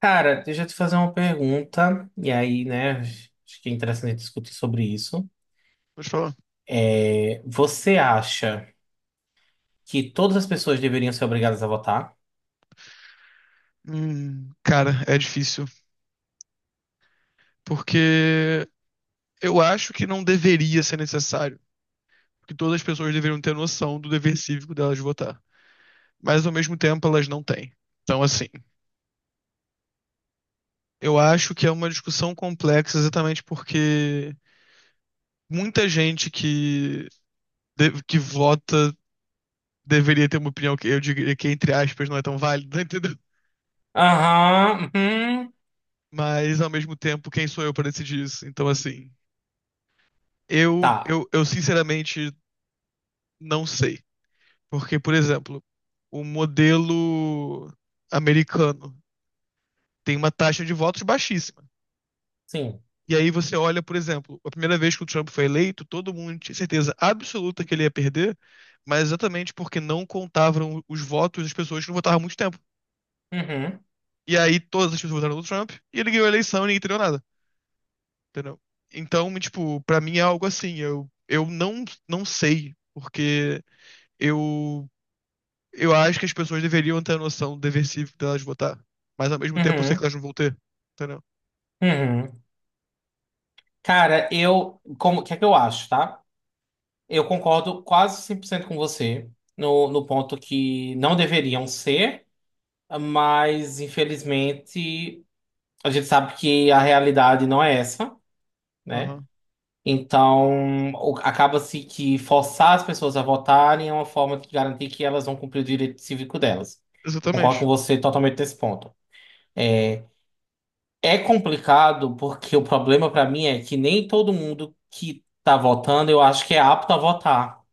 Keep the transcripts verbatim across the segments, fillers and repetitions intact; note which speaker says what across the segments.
Speaker 1: Cara, deixa eu te fazer uma pergunta, e aí, né, acho que é interessante discutir sobre isso.
Speaker 2: Vou te falar.
Speaker 1: É, você acha que todas as pessoas deveriam ser obrigadas a votar?
Speaker 2: Hum, cara, é difícil. Porque eu acho que não deveria ser necessário. Que todas as pessoas deveriam ter noção do dever cívico delas de votar. Mas ao mesmo tempo elas não têm. Então, assim, eu acho que é uma discussão complexa exatamente porque muita gente que, de- que vota deveria ter uma opinião que eu diria que, entre aspas, não é tão válida, entendeu?
Speaker 1: Aham, uhum,
Speaker 2: Mas ao mesmo tempo, quem sou eu para decidir isso? Então, assim, eu,
Speaker 1: tá,
Speaker 2: eu, eu sinceramente não sei. Porque, por exemplo, o modelo americano tem uma taxa de votos baixíssima.
Speaker 1: sim.
Speaker 2: E aí você olha, por exemplo, a primeira vez que o Trump foi eleito, todo mundo tinha certeza absoluta que ele ia perder, mas exatamente porque não contavam os votos das pessoas que não votaram há muito tempo.
Speaker 1: Uhum,
Speaker 2: E aí todas as pessoas votaram no Trump e ele ganhou a eleição e ninguém entendeu nada, entendeu? Então, tipo, pra mim é algo assim, eu, eu não, não sei, porque eu Eu acho que as pessoas deveriam ter a noção do deversivo delas votar. Mas ao mesmo tempo eu sei que
Speaker 1: uhum,
Speaker 2: elas não vão ter. Entendeu?
Speaker 1: uhum. Cara, eu, como, o que é que eu acho, tá? Eu concordo quase cem por cento com você no, no ponto que não deveriam ser, mas infelizmente a gente sabe que a realidade não é essa, né?
Speaker 2: Aham.
Speaker 1: Então o- acaba-se que forçar as pessoas a votarem é uma forma de garantir que elas vão cumprir o direito cívico delas. Concordo com
Speaker 2: Exatamente.
Speaker 1: você totalmente nesse ponto. É é complicado porque o problema para mim é que nem todo mundo que tá votando eu acho que é apto a votar.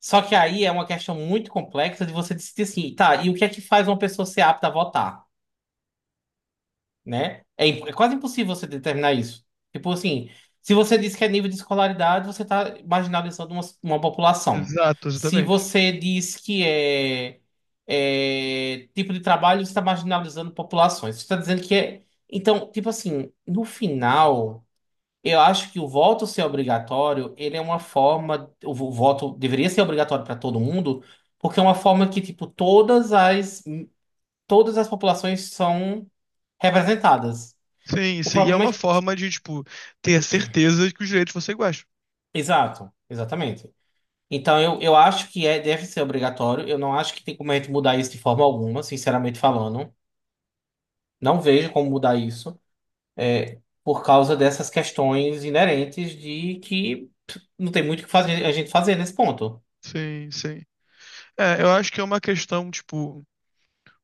Speaker 1: Só que aí é uma questão muito complexa de você decidir assim, tá, e o que é que faz uma pessoa ser apta a votar, né? É, imp- é quase impossível você determinar isso. Tipo assim, se você diz que é nível de escolaridade, você está marginalizando uma, uma população.
Speaker 2: Exato,
Speaker 1: Se
Speaker 2: exatamente.
Speaker 1: você diz que é, é tipo de trabalho, você está marginalizando populações. Você está dizendo que é... Então, tipo assim, no final... Eu acho que o voto ser obrigatório, ele é uma forma, o vo- voto deveria ser obrigatório para todo mundo, porque é uma forma que, tipo, todas as todas as populações são representadas.
Speaker 2: Sim,
Speaker 1: O
Speaker 2: sim. E é
Speaker 1: problema é
Speaker 2: uma
Speaker 1: que,
Speaker 2: forma de, tipo, ter certeza de que os direitos vão ser iguais.
Speaker 1: exato, exatamente. Então eu, eu acho que é deve ser obrigatório. Eu não acho que tem como a gente mudar isso de forma alguma, sinceramente falando. Não vejo como mudar isso, é, por causa dessas questões inerentes de que pff, não tem muito o que fazer a gente fazer nesse ponto.
Speaker 2: Sim, sim. É, eu acho que é uma questão, tipo,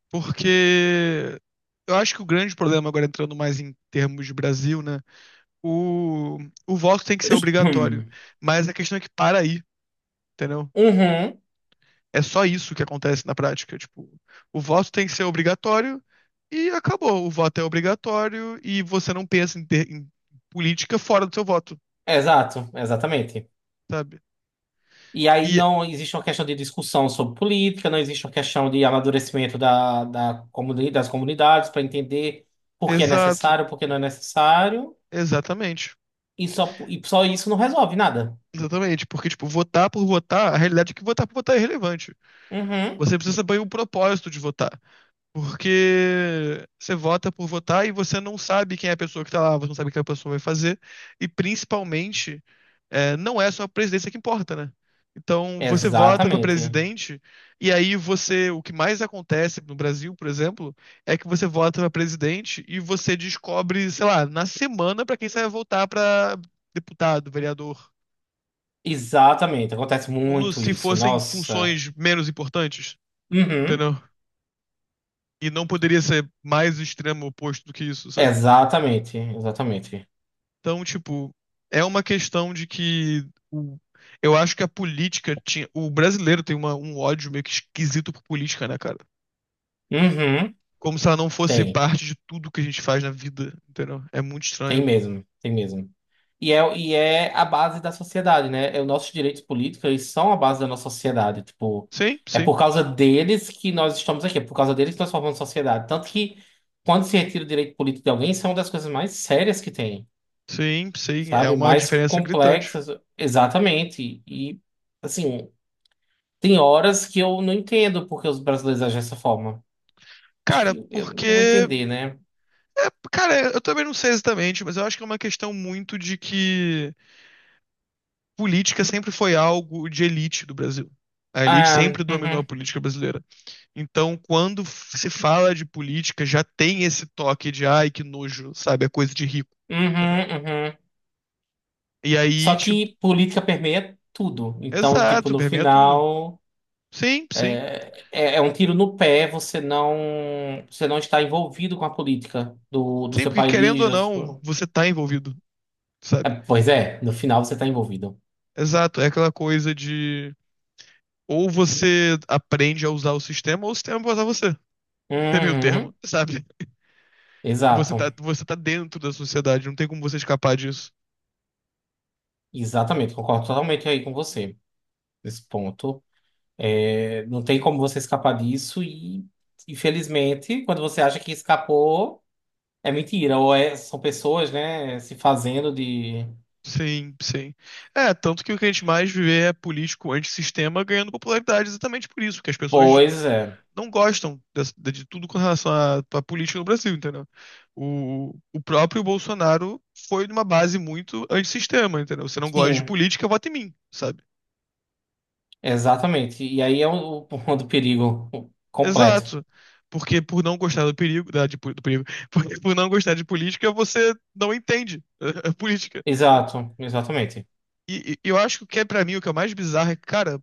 Speaker 2: porque eu acho que o grande problema, agora entrando mais em termos de Brasil, né? O, o voto tem que ser obrigatório.
Speaker 1: Hum.
Speaker 2: Mas a questão é que para aí, entendeu?
Speaker 1: Uhum.
Speaker 2: É só isso que acontece na prática. Tipo, o voto tem que ser obrigatório e acabou. O voto é obrigatório e você não pensa em, ter- em política fora do seu voto,
Speaker 1: É, exato, exatamente.
Speaker 2: sabe?
Speaker 1: E aí
Speaker 2: E
Speaker 1: não existe uma questão de discussão sobre política, não existe uma questão de amadurecimento da, da comuni das comunidades para entender por que é
Speaker 2: exato,
Speaker 1: necessário, por que não é necessário,
Speaker 2: exatamente.
Speaker 1: e só, e só isso não resolve nada.
Speaker 2: Exatamente, porque, tipo, votar por votar, a realidade é que votar por votar é irrelevante.
Speaker 1: Uhum.
Speaker 2: Você precisa saber o propósito de votar. Porque você vota por votar e você não sabe quem é a pessoa que tá lá, você não sabe o que a pessoa vai fazer. E principalmente, é, não é só a presidência que importa, né? Então, você vota para
Speaker 1: Exatamente.
Speaker 2: presidente, e aí você. O que mais acontece no Brasil, por exemplo, é que você vota para presidente e você descobre, sei lá, na semana para quem você vai votar para deputado, vereador.
Speaker 1: Exatamente. Acontece
Speaker 2: Como
Speaker 1: muito
Speaker 2: se
Speaker 1: isso.
Speaker 2: fossem
Speaker 1: Nossa.
Speaker 2: funções menos importantes,
Speaker 1: Uhum.
Speaker 2: entendeu? E não poderia ser mais extremo oposto do que isso, sabe?
Speaker 1: Exatamente, exatamente.
Speaker 2: Então, tipo, é uma questão de que o- eu acho que a política tinha. O brasileiro tem uma- um ódio meio que esquisito por política, né, cara?
Speaker 1: Uhum.
Speaker 2: Como se ela não fosse
Speaker 1: Tem.
Speaker 2: parte de tudo que a gente faz na vida, entendeu? É muito
Speaker 1: Tem
Speaker 2: estranho.
Speaker 1: mesmo, tem mesmo. E é, e é a base da sociedade, né? É, os nossos direitos políticos, eles são a base da nossa sociedade. Tipo,
Speaker 2: Sim,
Speaker 1: é
Speaker 2: sim,
Speaker 1: por causa deles que nós estamos aqui, é por causa deles que nós formamos sociedade. Tanto que, quando se retira o direito político de alguém, isso é uma das coisas mais sérias que tem,
Speaker 2: sim, sim. É
Speaker 1: sabe?
Speaker 2: uma
Speaker 1: Mais
Speaker 2: diferença gritante.
Speaker 1: complexas, exatamente. E, assim, tem horas que eu não entendo porque os brasileiros agem dessa forma. Acho
Speaker 2: Cara,
Speaker 1: que eu não vou
Speaker 2: porque.
Speaker 1: entender, né?
Speaker 2: É, cara, eu também não sei exatamente, mas eu acho que é uma questão muito de que política sempre foi algo de elite do Brasil. A elite
Speaker 1: Ah,
Speaker 2: sempre dominou a
Speaker 1: uhum,
Speaker 2: política brasileira. Então, quando se fala de política, já tem esse toque de ai, que nojo, sabe? É coisa de rico.
Speaker 1: uhum,
Speaker 2: Entendeu?
Speaker 1: uhum.
Speaker 2: E aí,
Speaker 1: Só
Speaker 2: tipo,
Speaker 1: que política permeia tudo. Então, tipo,
Speaker 2: exato,
Speaker 1: no
Speaker 2: permeia tudo.
Speaker 1: final,
Speaker 2: Sim, sim.
Speaker 1: é, é- é um tiro no pé você não, você não está envolvido com a política do, do
Speaker 2: Sim,
Speaker 1: seu
Speaker 2: porque querendo
Speaker 1: país.
Speaker 2: ou
Speaker 1: da
Speaker 2: não,
Speaker 1: sua-
Speaker 2: você tá envolvido,
Speaker 1: É,
Speaker 2: sabe?
Speaker 1: pois é, no final você está envolvido.
Speaker 2: Exato, é aquela coisa de ou você aprende a usar o sistema, ou o sistema vai usar você. Tem meio termo,
Speaker 1: Uhum,
Speaker 2: sabe? Você tá,
Speaker 1: exato.
Speaker 2: você tá dentro da sociedade, não tem como você escapar disso.
Speaker 1: Exatamente, concordo totalmente aí com você nesse ponto. É, não tem como você escapar disso e, infelizmente, quando você acha que escapou, é mentira. Ou é- são pessoas, né, se fazendo de...
Speaker 2: Sim, sim. É, tanto que o que a gente mais vê é político antissistema ganhando popularidade exatamente por isso, porque as pessoas
Speaker 1: Pois é.
Speaker 2: não gostam dessa- de, de tudo com relação à, à política no Brasil, entendeu? O, o próprio Bolsonaro foi numa base muito antissistema, entendeu? Você não gosta de
Speaker 1: Sim,
Speaker 2: política, vota em mim, sabe?
Speaker 1: exatamente. E aí é o, o ponto do perigo completo.
Speaker 2: Exato. Porque por não gostar do perigo, da, de po- do perigo, porque por não gostar de política, você não entende a, a política, sabe?
Speaker 1: Exato, exatamente.
Speaker 2: E, e eu acho que o que é pra mim o que é mais bizarro é, cara,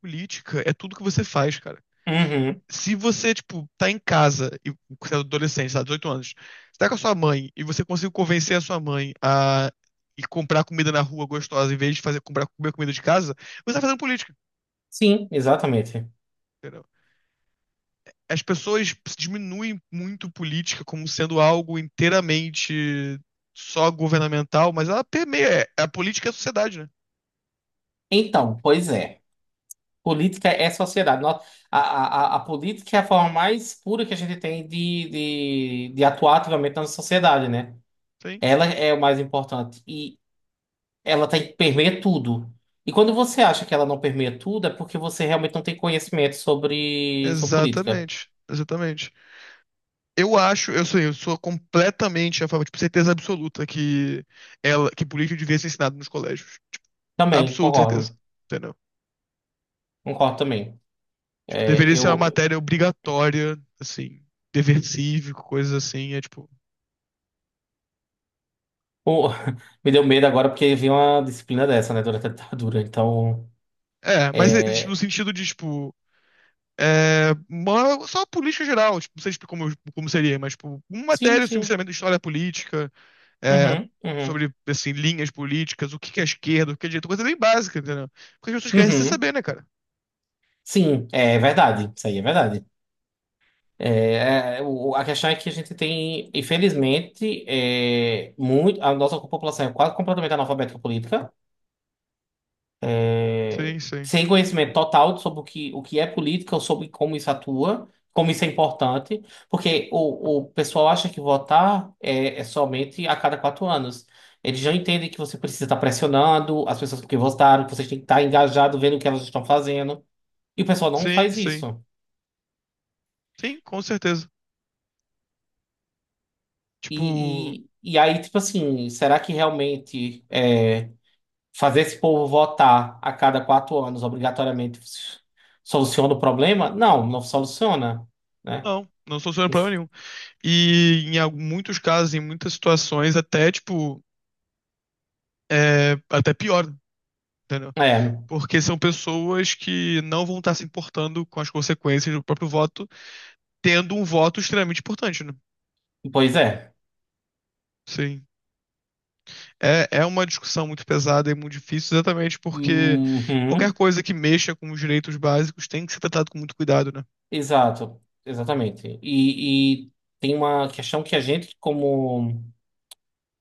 Speaker 2: política é tudo que você faz, cara.
Speaker 1: Uhum.
Speaker 2: Se você, tipo, tá em casa, e você é adolescente, tá, dezoito anos, você tá com a sua mãe e você conseguiu convencer a sua mãe a ir comprar comida na rua gostosa em vez de fazer comprar comer comida de casa, você tá fazendo política,
Speaker 1: Sim, exatamente.
Speaker 2: entendeu? As pessoas diminuem muito política como sendo algo inteiramente só governamental, mas ela permeia, é, a política é a sociedade, né?
Speaker 1: Então, pois é. Política é sociedade. Nó- A, a, a a política é a forma mais pura que a gente tem de, de, de atuar ativamente na sociedade, né?
Speaker 2: Sim,
Speaker 1: Ela é o mais importante. E ela tem, permeia tudo. E quando você acha que ela não permeia tudo, é porque você realmente não tem conhecimento sobre, sobre política.
Speaker 2: exatamente, exatamente. Eu acho, eu sou, eu sou completamente a favor, tipo, certeza absoluta que ela, que política devia ser ensinada nos colégios.
Speaker 1: Também,
Speaker 2: Absoluta certeza.
Speaker 1: concordo.
Speaker 2: Entendeu?
Speaker 1: Concordo também.
Speaker 2: Tipo,
Speaker 1: É,
Speaker 2: deveria ser uma
Speaker 1: eu,
Speaker 2: matéria obrigatória, assim, dever cívico, coisas assim, é tipo.
Speaker 1: pô, me deu medo agora porque vi uma disciplina dessa, né, durante a ditadura. Então,
Speaker 2: É, mas é, tipo, no
Speaker 1: é,
Speaker 2: sentido de, tipo, é, uma- só a política geral, tipo, não sei tipo, como, como seria, mas, tipo, uma
Speaker 1: sim,
Speaker 2: matéria,
Speaker 1: sim.
Speaker 2: sinceramente, de história política, é,
Speaker 1: Uhum, uhum,
Speaker 2: sobre, assim, linhas políticas, o que que é esquerda, o que é direita, coisa bem básica, entendeu? Porque as pessoas querem se
Speaker 1: uhum.
Speaker 2: saber, né, cara?
Speaker 1: Sim, é verdade. Isso aí é verdade. É, é, o- a questão é que a gente tem, infelizmente, é, muito, a nossa população é quase completamente analfabeta política.
Speaker 2: Sim, sim.
Speaker 1: Sem conhecimento total sobre o que, o que é política ou sobre como isso atua, como isso é importante, porque o, o pessoal acha que votar é, é somente a cada quatro anos. Eles já entendem que você precisa estar pressionando as pessoas que votaram, que você tem que estar engajado vendo o que elas estão fazendo, e o pessoal não
Speaker 2: Sim,
Speaker 1: faz
Speaker 2: sim.
Speaker 1: isso.
Speaker 2: Sim, com certeza. Tipo,
Speaker 1: E, e, e aí, tipo assim, será que realmente é, fazer esse povo votar a cada quatro anos obrigatoriamente soluciona o problema? Não, não soluciona. Né?
Speaker 2: não, não soluciona problema nenhum. E em al- muitos casos, em muitas situações, até, tipo, é até pior, entendeu?
Speaker 1: É,
Speaker 2: Porque são pessoas que não vão estar se importando com as consequências do próprio voto, tendo um voto extremamente importante, né?
Speaker 1: pois é.
Speaker 2: Sim. É, é uma discussão muito pesada e muito difícil, exatamente porque qualquer
Speaker 1: Uhum,
Speaker 2: coisa que mexa com os direitos básicos tem que ser tratado com muito cuidado, né?
Speaker 1: exato, exatamente. E, e tem uma questão que a gente, como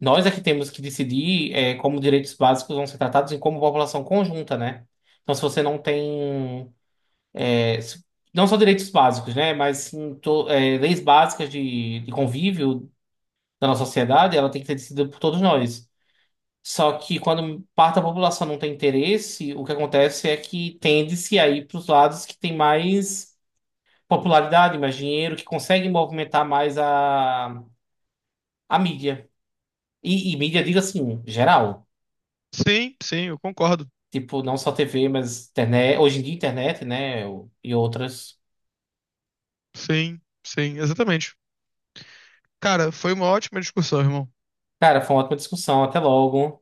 Speaker 1: nós é que temos que decidir é, como direitos básicos vão ser tratados e como população conjunta, né? Então, se você não tem, é, se- não só direitos básicos, né? Mas sim, to- é, leis básicas de, de convívio da nossa sociedade, ela tem que ser decidida por todos nós. Só que quando parte da população não tem interesse, o que acontece é que tende-se a ir para os lados que tem mais popularidade, mais dinheiro, que conseguem movimentar mais a, a mídia. E, e mídia, digo assim, geral.
Speaker 2: Sim, sim, eu concordo.
Speaker 1: Tipo, não só T V, mas internet. Hoje em dia, internet, né? E outras.
Speaker 2: Sim, sim, exatamente. Cara, foi uma ótima discussão, irmão.
Speaker 1: Cara, foi uma ótima discussão. Até logo.